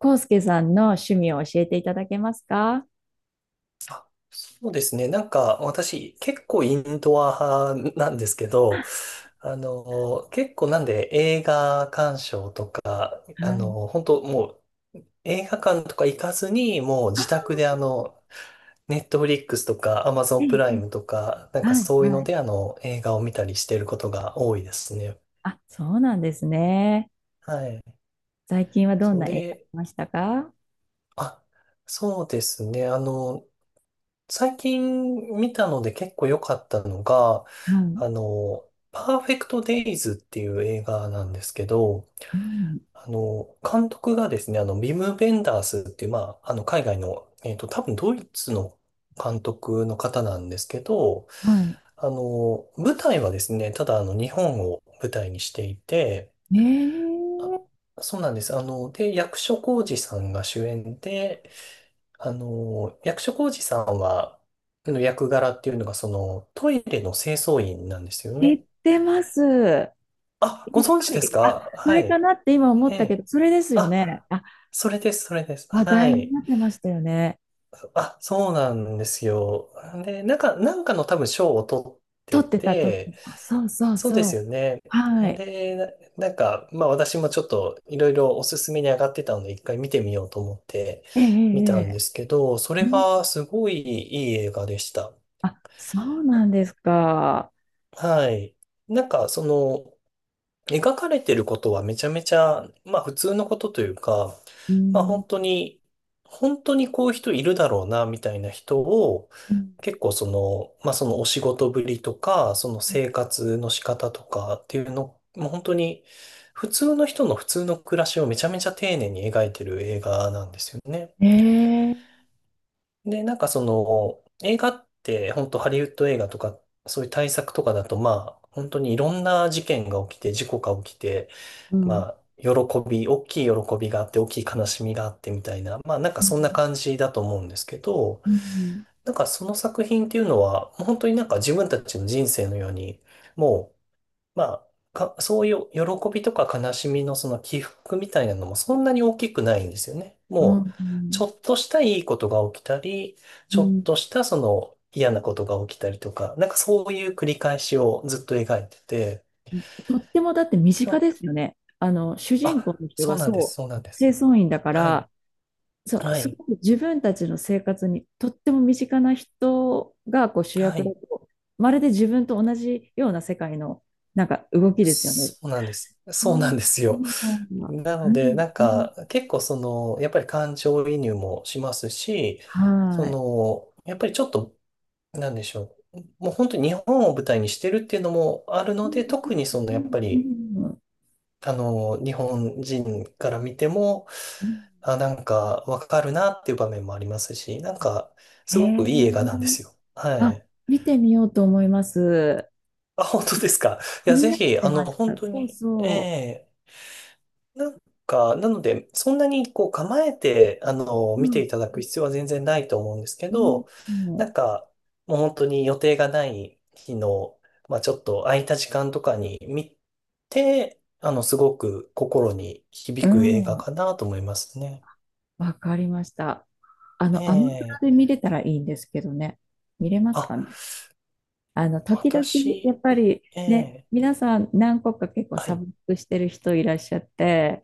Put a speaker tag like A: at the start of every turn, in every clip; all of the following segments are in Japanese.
A: 康介さんの趣味を教えていただけますか？
B: あそうですね。なんか私結構インドア派なんですけど、結構なんで映画鑑賞とか、
A: はい。
B: 本当もう映画館とか行かずに、もう自宅
A: あ、
B: でネットフリックスとかアマゾ
A: え
B: ン
A: え、
B: プ
A: え
B: ライ
A: え、
B: ムとか、なんか
A: はい、
B: そういう
A: は
B: の
A: い。
B: で映画を見たりしてることが多いですね。
A: あ、そうなんですね。
B: はい。
A: 最近はどん
B: それ
A: な映画
B: で、
A: 見ましたか？は
B: あ、そうですね。最近見たので結構良かったのが、
A: い。
B: パーフェクトデイズっていう映画なんですけど、
A: うん。
B: 監督がですね、ビム・ベンダースっていう、まあ、海外の、多分ドイツの監督の方なんですけど、
A: はい。
B: 舞台はですね、ただ日本を舞台にしていて、
A: ね
B: あ
A: え、
B: そうなんです。で、役所広司さんが主演で、役所広司さんは、の役柄っていうのが、その、トイレの清掃員なんですよ
A: 知
B: ね。
A: ってます。や
B: あ、ご
A: っ
B: 存
A: ぱ
B: 知です
A: り、あ、
B: か？
A: そ
B: は
A: れか
B: い。
A: なって今思っ
B: え
A: たけど、
B: え。
A: それですよね。
B: あ、
A: あ、
B: それです、それです。
A: 話
B: は
A: 題に
B: い。
A: なってましたよね。
B: あ、そうなんですよ。で、なんかの多分賞を取っ
A: 撮
B: て
A: ってた、撮って
B: て、
A: た。そうそう
B: そうで
A: そ
B: す
A: う。
B: よね。
A: はい。
B: で、なんか、まあ私もちょっといろいろおすすめに上がってたので、一回見てみようと思って
A: ええ、え
B: 見
A: え、
B: たん
A: ええ、
B: ですけど、そ
A: う
B: れ
A: ん、
B: がすごいいい映画でした。
A: あ、そうなんですか。
B: はい。なんか、その、描かれてることはめちゃめちゃ、まあ普通のことというか、
A: う
B: まあ
A: ん。
B: 本当に、本当にこういう人いるだろうな、みたいな人を、
A: うん、
B: 結構その、まあそのお仕事ぶりとか、その生活の仕方とかっていうの、もう本当に、普通の人の普通の暮らしをめちゃめちゃ丁寧に描いてる映画なんですよね。
A: ええ、
B: で、なんかその、映画って、本当ハリウッド映画とか、そういう大作とかだと、まあ、本当にいろんな事件が起きて、事故が起きて、
A: うん。
B: まあ、大きい喜びがあって、大きい悲しみがあってみたいな、まあ、なんか
A: う
B: そんな
A: ん。
B: 感じだと思うんですけど、
A: うん。
B: なんかその作品っていうのは、もう本当になんか自分たちの人生のように、もうまあ、そういう喜びとか悲しみのその起伏みたいなのもそんなに大きくないんですよね。
A: うん。
B: もう、
A: う
B: ち
A: ん、
B: ょっとしたいいことが起きたり、ちょっとしたその嫌なことが起きたりとか、なんかそういう繰り返しをずっと描いてて、
A: とってもだって身近で
B: あ、
A: すよね。主人公
B: あ
A: の人
B: そう
A: が
B: なんです、
A: そ
B: そうなんで
A: う、清
B: す。
A: 掃員だか
B: はい、
A: ら、そう、
B: は
A: す
B: い、
A: ごく自分たちの生活にとっても身近な人がこう主
B: は
A: 役だ
B: い。
A: と、まるで自分と同じような世界のなんか動きですよね。
B: そうなんです。
A: そう、
B: そうなんです
A: そう
B: よ。
A: なんだ。
B: な
A: う
B: ので、
A: ん、
B: なん
A: うん。
B: か、結構その、やっぱり感情移入もしますし、そ
A: はい。
B: の、やっぱりちょっとなんでしょう。もう本当に日本を舞台にしてるっていうのもある
A: う
B: の
A: ん、
B: で、特にその
A: う
B: やっ
A: ん、
B: ぱ
A: う
B: り、
A: ん、うん。
B: 日本人から見ても、
A: うん、
B: あ、なんかわかるなっていう場面もありますし、なん
A: あ、
B: か
A: へ
B: すごくいい
A: え。
B: 映画なんですよ。は
A: あ、
B: い。
A: 見てみようと思います。
B: あ、本当ですか。い
A: 気
B: や、
A: に
B: ぜ
A: なっ
B: ひ、
A: てまし
B: 本
A: た。
B: 当
A: そう
B: に、え
A: そ
B: えなんか、なので、そんなにこう構えて、
A: う。
B: 見
A: う
B: て
A: ん。
B: いただく必要は全然ないと思うんですけ
A: う
B: ど、な
A: ん。
B: んか、もう本当に予定がない日の、まあちょっと空いた時間とかに見て、すごく心に
A: う
B: 響く映画
A: ん。
B: かなと思いますね。
A: わかりました。アマプ
B: え
A: ラで
B: え
A: 見れたらいいんですけどね。見れます
B: あ、
A: かね。時々、やっぱ
B: 私、
A: りね、
B: ええ
A: 皆さん何個か結構
B: は
A: サ
B: い。
A: ブスクしてる人いらっしゃって、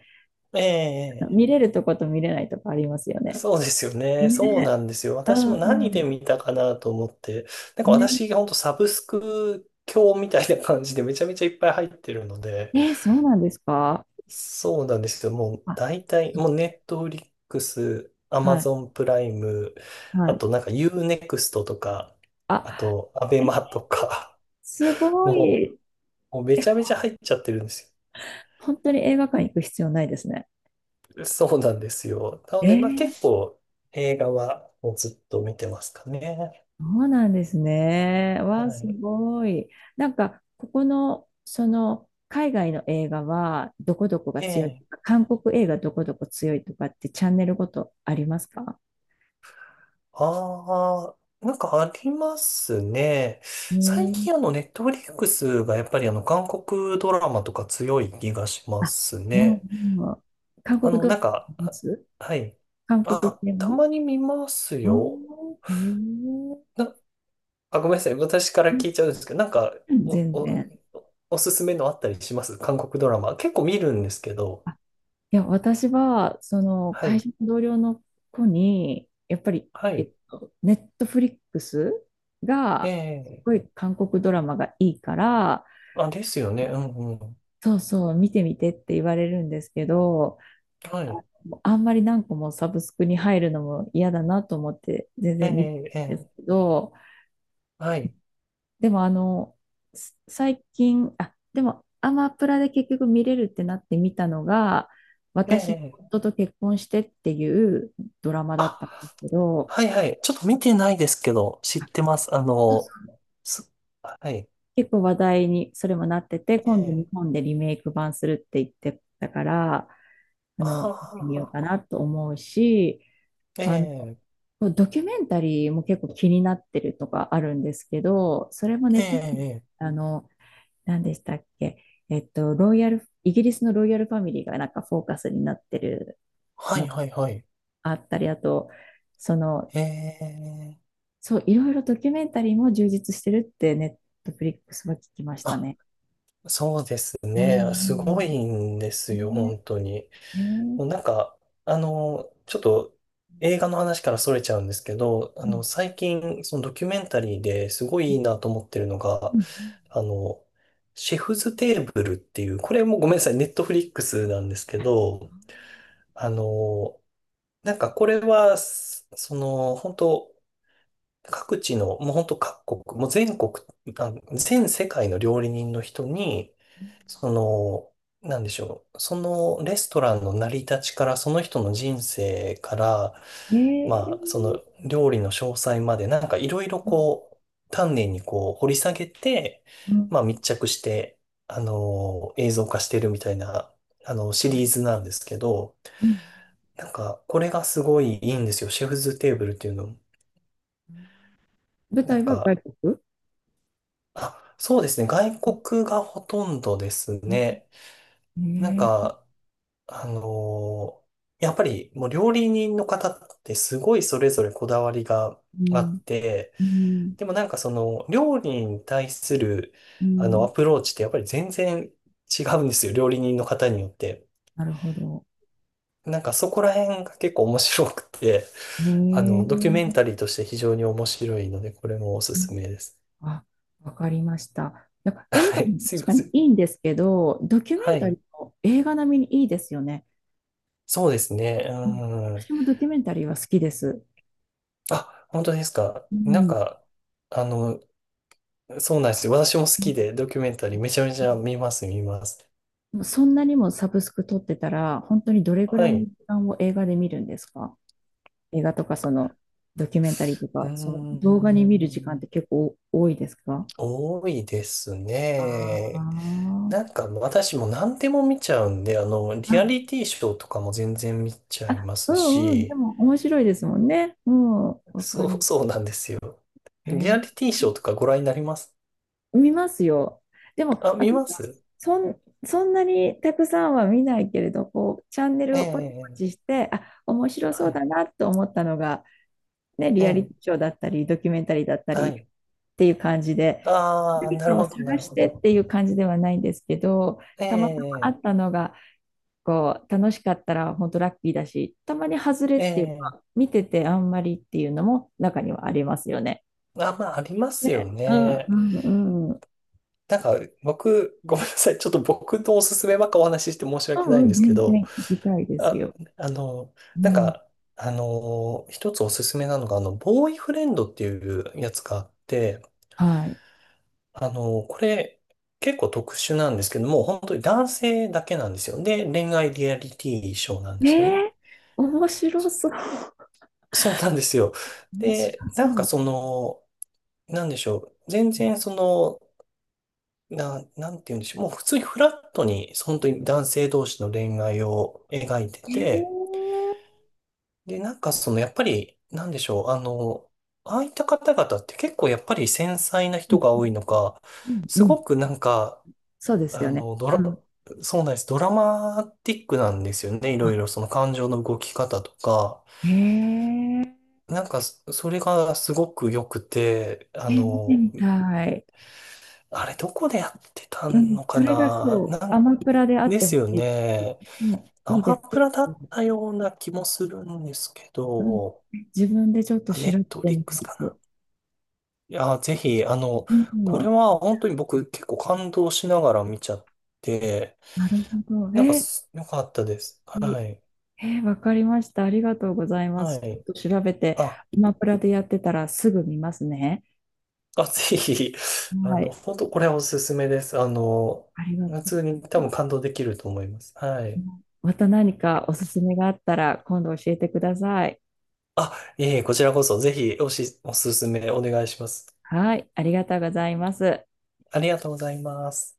B: ええ
A: 見れるとこと見れないとこありますよね。
B: そうですよね。そうな
A: ね。
B: んですよ。
A: う
B: 私
A: ん、
B: も
A: う
B: 何で
A: ん。
B: 見たかなと思って、なんか
A: ね。
B: 私が本当サブスク教みたいな感じでめちゃめちゃいっぱい入ってるので、
A: え、そうなんですか？
B: そうなんですよ。もう
A: あ、
B: 大体、もうネットフリックス、アマ
A: はい、
B: ゾンプライム、
A: は
B: あ
A: い。
B: となんか U-NEXT とか、あ
A: あ、
B: とアベ
A: え、
B: マとか、
A: すご
B: も
A: い。
B: もうめ
A: え、
B: ちゃめちゃ入っちゃってるんです
A: 本当に映画館行く必要ないですね。
B: よ。そうなんですよ。なの
A: え
B: で、まあ
A: ー、
B: 結構映画はもうずっと見てますかね。
A: そうなんですね。
B: は
A: わあ、す
B: い。
A: ごい。なんか、ここの、その、海外の映画は、どこどこが
B: え
A: 強いと
B: え
A: か、韓国映画どこどこ強いとかってチャンネルごとありますか？
B: ああ、なんかありますね。
A: え
B: 最
A: ー、
B: 近ネットフリックスがやっぱり韓国ドラマとか強い気がしま
A: あ、
B: す
A: も、
B: ね。
A: うん、うん、韓国ドラ
B: な
A: マ
B: んか、
A: 見ま
B: あ
A: す？
B: はい。
A: 韓国
B: あ、
A: 系
B: た
A: も？
B: まに見ます
A: あ
B: よ。
A: ん、えー、
B: な、あ、ごめんなさい。私から
A: う
B: 聞いちゃうんですけど、なんか、
A: ん、
B: お、
A: 全
B: お、
A: 然。
B: おすすめのあったりします韓国ドラマ？結構見るんですけど。
A: いや、私は、
B: は
A: 会
B: い。
A: 社の同僚の子に、やっぱり、
B: はい。
A: ネットフリックスが、す
B: え
A: ご
B: え
A: い韓国ドラマがいいから、
B: あ、ですよね。うんうん。
A: そうそう、見てみてって言われるんですけど、
B: は
A: あ、
B: い。
A: あんまり何個もサブスクに入るのも嫌だなと思って、全然見て
B: ええ
A: たん
B: え
A: です
B: え
A: けど、
B: はい。
A: でも最近、あ、でもアマプラで結局見れるってなって見たのが、
B: え
A: 私の
B: え
A: 夫と結婚してっていうドラマだったんです
B: あ
A: けど、
B: はいはい。ちょっと見てないですけど、知ってます。す、はい。
A: 結構話題にそれもなってて、今度日
B: ええ
A: 本でリメイク版するって言ってたから、
B: あ
A: 見てみよう
B: あ、
A: かなと思うし、あの、
B: ええ
A: ドキュメンタリーも結構気になってるとかあるんですけど、それもネ
B: え
A: ットフリ、
B: えええ
A: あの、何でしたっけ？ロイヤル、イギリスのロイヤルファミリーがなんかフォーカスになってる
B: はい
A: の
B: はいはい。
A: あったり、あと、その、
B: ええ
A: そう、いろいろドキュメンタリーも充実してるってネットフリックスは聞きました
B: あ、
A: ね。
B: そうです
A: う
B: ね。すご
A: ん。
B: いんですよ、
A: ね、
B: 本当に。
A: えー、
B: なんか、ちょっと映画の話から逸れちゃうんですけど、
A: うん、
B: 最近、そのドキュメンタリーですごいいいなと思ってるの
A: う
B: が、
A: ん。
B: あの、シェフズテーブルっていう、これもごめんなさい、ネットフリックスなんですけ
A: あ、
B: ど、あの、なんかこれは、その、本当各地の、もう本当各国、もう全国、あ、全世界の料理人の人に、その、なんでしょう、そのレストランの成り立ちから、その人の人生から、
A: えー、
B: まあ、その料理の詳細まで、なんかいろいろ
A: う
B: こう、丹念にこう掘り下げて、
A: ん。
B: まあ密着して、映像化してるみたいな、シ
A: う
B: リーズなんですけど、
A: ん。
B: なんか、これがすごいいいんですよ。シェフズテーブルっていうの。
A: 舞
B: な
A: 台
B: ん
A: は外
B: か、
A: 国？
B: あ、そうですね。外国がほとんどです
A: ん。
B: ね。なん
A: えー、
B: か、あのーやっぱりもう料理人の方ってすごいそれぞれこだわりが
A: う
B: あ
A: ん。
B: って、
A: うん。
B: でもなんかその料理に対する
A: う
B: あの
A: ん。
B: アプローチってやっぱり全然違うんですよ。料理人の方によって。
A: なるほど。
B: なんかそこら辺が結構面白くて、
A: ね、
B: ドキュ
A: え
B: メン
A: ー。
B: タリーとして非常に面白いので、これもおす
A: う
B: す
A: ん、
B: めです。
A: あ、わかりました。やっぱ映
B: は
A: 画
B: い。
A: も
B: すい
A: 確
B: ま
A: か
B: せん。
A: にいいんですけど、ドキュメ
B: は
A: ンタリ
B: い。
A: ーも映画並みにいいですよね。
B: そうですね。
A: うん、
B: うん。
A: 私もドキュメンタリーは好きです。
B: あ、本当ですか。
A: う
B: なん
A: ん、
B: か、あの、そうなんですよ。私も好きで、ドキュメンタリーめちゃめちゃ見ます、見ます。
A: そんなにもサブスク撮ってたら、本当にどれぐ
B: は
A: ら
B: い。
A: いの
B: う
A: 時間を映画で見るんですか？映画とかそのドキュメンタリーと
B: ー
A: か、その動画に見る時間って
B: ん。
A: 結構多いですか？
B: 多いです
A: あー
B: ね。なんか、私も何でも見ちゃうんで、リア
A: あ、
B: リティショーとかも全然見ちゃい
A: あ、
B: ま
A: う
B: す
A: ん、うん、で
B: し、
A: も面白いですもんね。うん、わか
B: そう、
A: る。
B: そうなんですよ。
A: へ
B: リア
A: え。
B: リティショーとかご覧になります？
A: 見ますよ。でも、
B: あ、見
A: 私
B: ま
A: は
B: す
A: そんなにたくさんは見ないけれど、こう、チャンネル
B: え
A: をポチポ
B: え、
A: チして、あ、面白そ
B: は
A: う
B: い、
A: だなと思ったのが、ね、
B: え
A: リアリ
B: え、
A: ティショーだったり、ドキュメンタリーだった
B: は
A: りっ
B: い。
A: ていう感じで、
B: ああ、
A: 何
B: なる
A: かを
B: ほ
A: 探
B: ど、なる
A: し
B: ほど。
A: てっていう感じではないんですけど、
B: え
A: たまたまあ
B: え、
A: ったのが、こう、楽しかったら本当ラッキーだし、たまに外れっ
B: え
A: ていう
B: え。
A: か、見ててあんまりっていうのも中にはありますよね。
B: あ、まあ、ありますよ
A: ね、う
B: ね。
A: ん、うん、
B: なんか、僕、ごめんなさい。ちょっと僕のおすすめばっかお話しして申し
A: う
B: 訳な
A: ん、
B: い
A: う
B: ん
A: ん、
B: ですけ
A: 全
B: ど、
A: 然聞きたいです
B: あ、
A: よ。
B: あの、
A: う
B: なん
A: ん、
B: か、一つおすすめなのが、ボーイフレンドっていうやつがあって、
A: はい。
B: これ、結構特殊なんですけども、本当に男性だけなんですよ。で、恋愛リアリティショーなんで
A: え
B: すよね。
A: え、面白そう。
B: そ うなんですよ。
A: 面白
B: で、なん
A: そ
B: か
A: う。
B: その、なんでしょう。全然その、なんて言うんでしょう。もう普通にフラットに、本当に男性同士の恋愛を描いて
A: え
B: て、
A: え、
B: で、なんかその、やっぱり、なんでしょう。ああいった方々って結構やっぱり繊細な
A: う
B: 人
A: ん、
B: が多いのか、
A: うん、う
B: す
A: ん。
B: ごくなんか、
A: そうです
B: あ
A: よね。
B: の、ド
A: う
B: ラ、
A: ん。
B: そうなんです。ドラマティックなんですよね。いろい
A: あ、
B: ろその感情の動き方とか。
A: えええ、
B: なんか、それがすごく良くて、
A: 見てみたい。
B: あれどこでやってた
A: うん、
B: のか
A: それが
B: な、
A: そう、
B: な
A: ア
B: ん
A: マプラであっ
B: で
A: て
B: す
A: ほ
B: よ
A: し
B: ね。
A: い。もう
B: ア
A: いいで
B: マ
A: す。ち
B: プ
A: ょっ
B: ラだっ
A: と、
B: たような気もするんですけ
A: うん、
B: ど、
A: 自分でちょっと
B: あ、ネ
A: 調
B: ッ
A: べて
B: トフリ
A: み
B: ック
A: ま
B: スかな。
A: す。
B: いや、ぜひ、
A: う
B: これ
A: ん、
B: は本当に僕結構感動しながら見ちゃって、
A: なるほど。
B: なんか
A: え、
B: 良かったです。
A: い
B: は
A: い、
B: い。
A: えー、わかりました。ありがとうございま
B: は
A: す。ちょっ
B: い。
A: と調べて、
B: あ、
A: アマプラでやってたらすぐ見ますね。
B: あ、ぜひ、
A: はい。
B: 本当これはおすすめです。
A: ありがと
B: 普
A: うご
B: 通
A: ざい
B: に多分
A: ます。
B: 感動できると思います。はい。
A: また何かおすすめがあったら今度教えてください。
B: あ、いえいえ、こちらこそぜひおすすめお願いします。
A: はい。ありがとうございます。
B: ありがとうございます。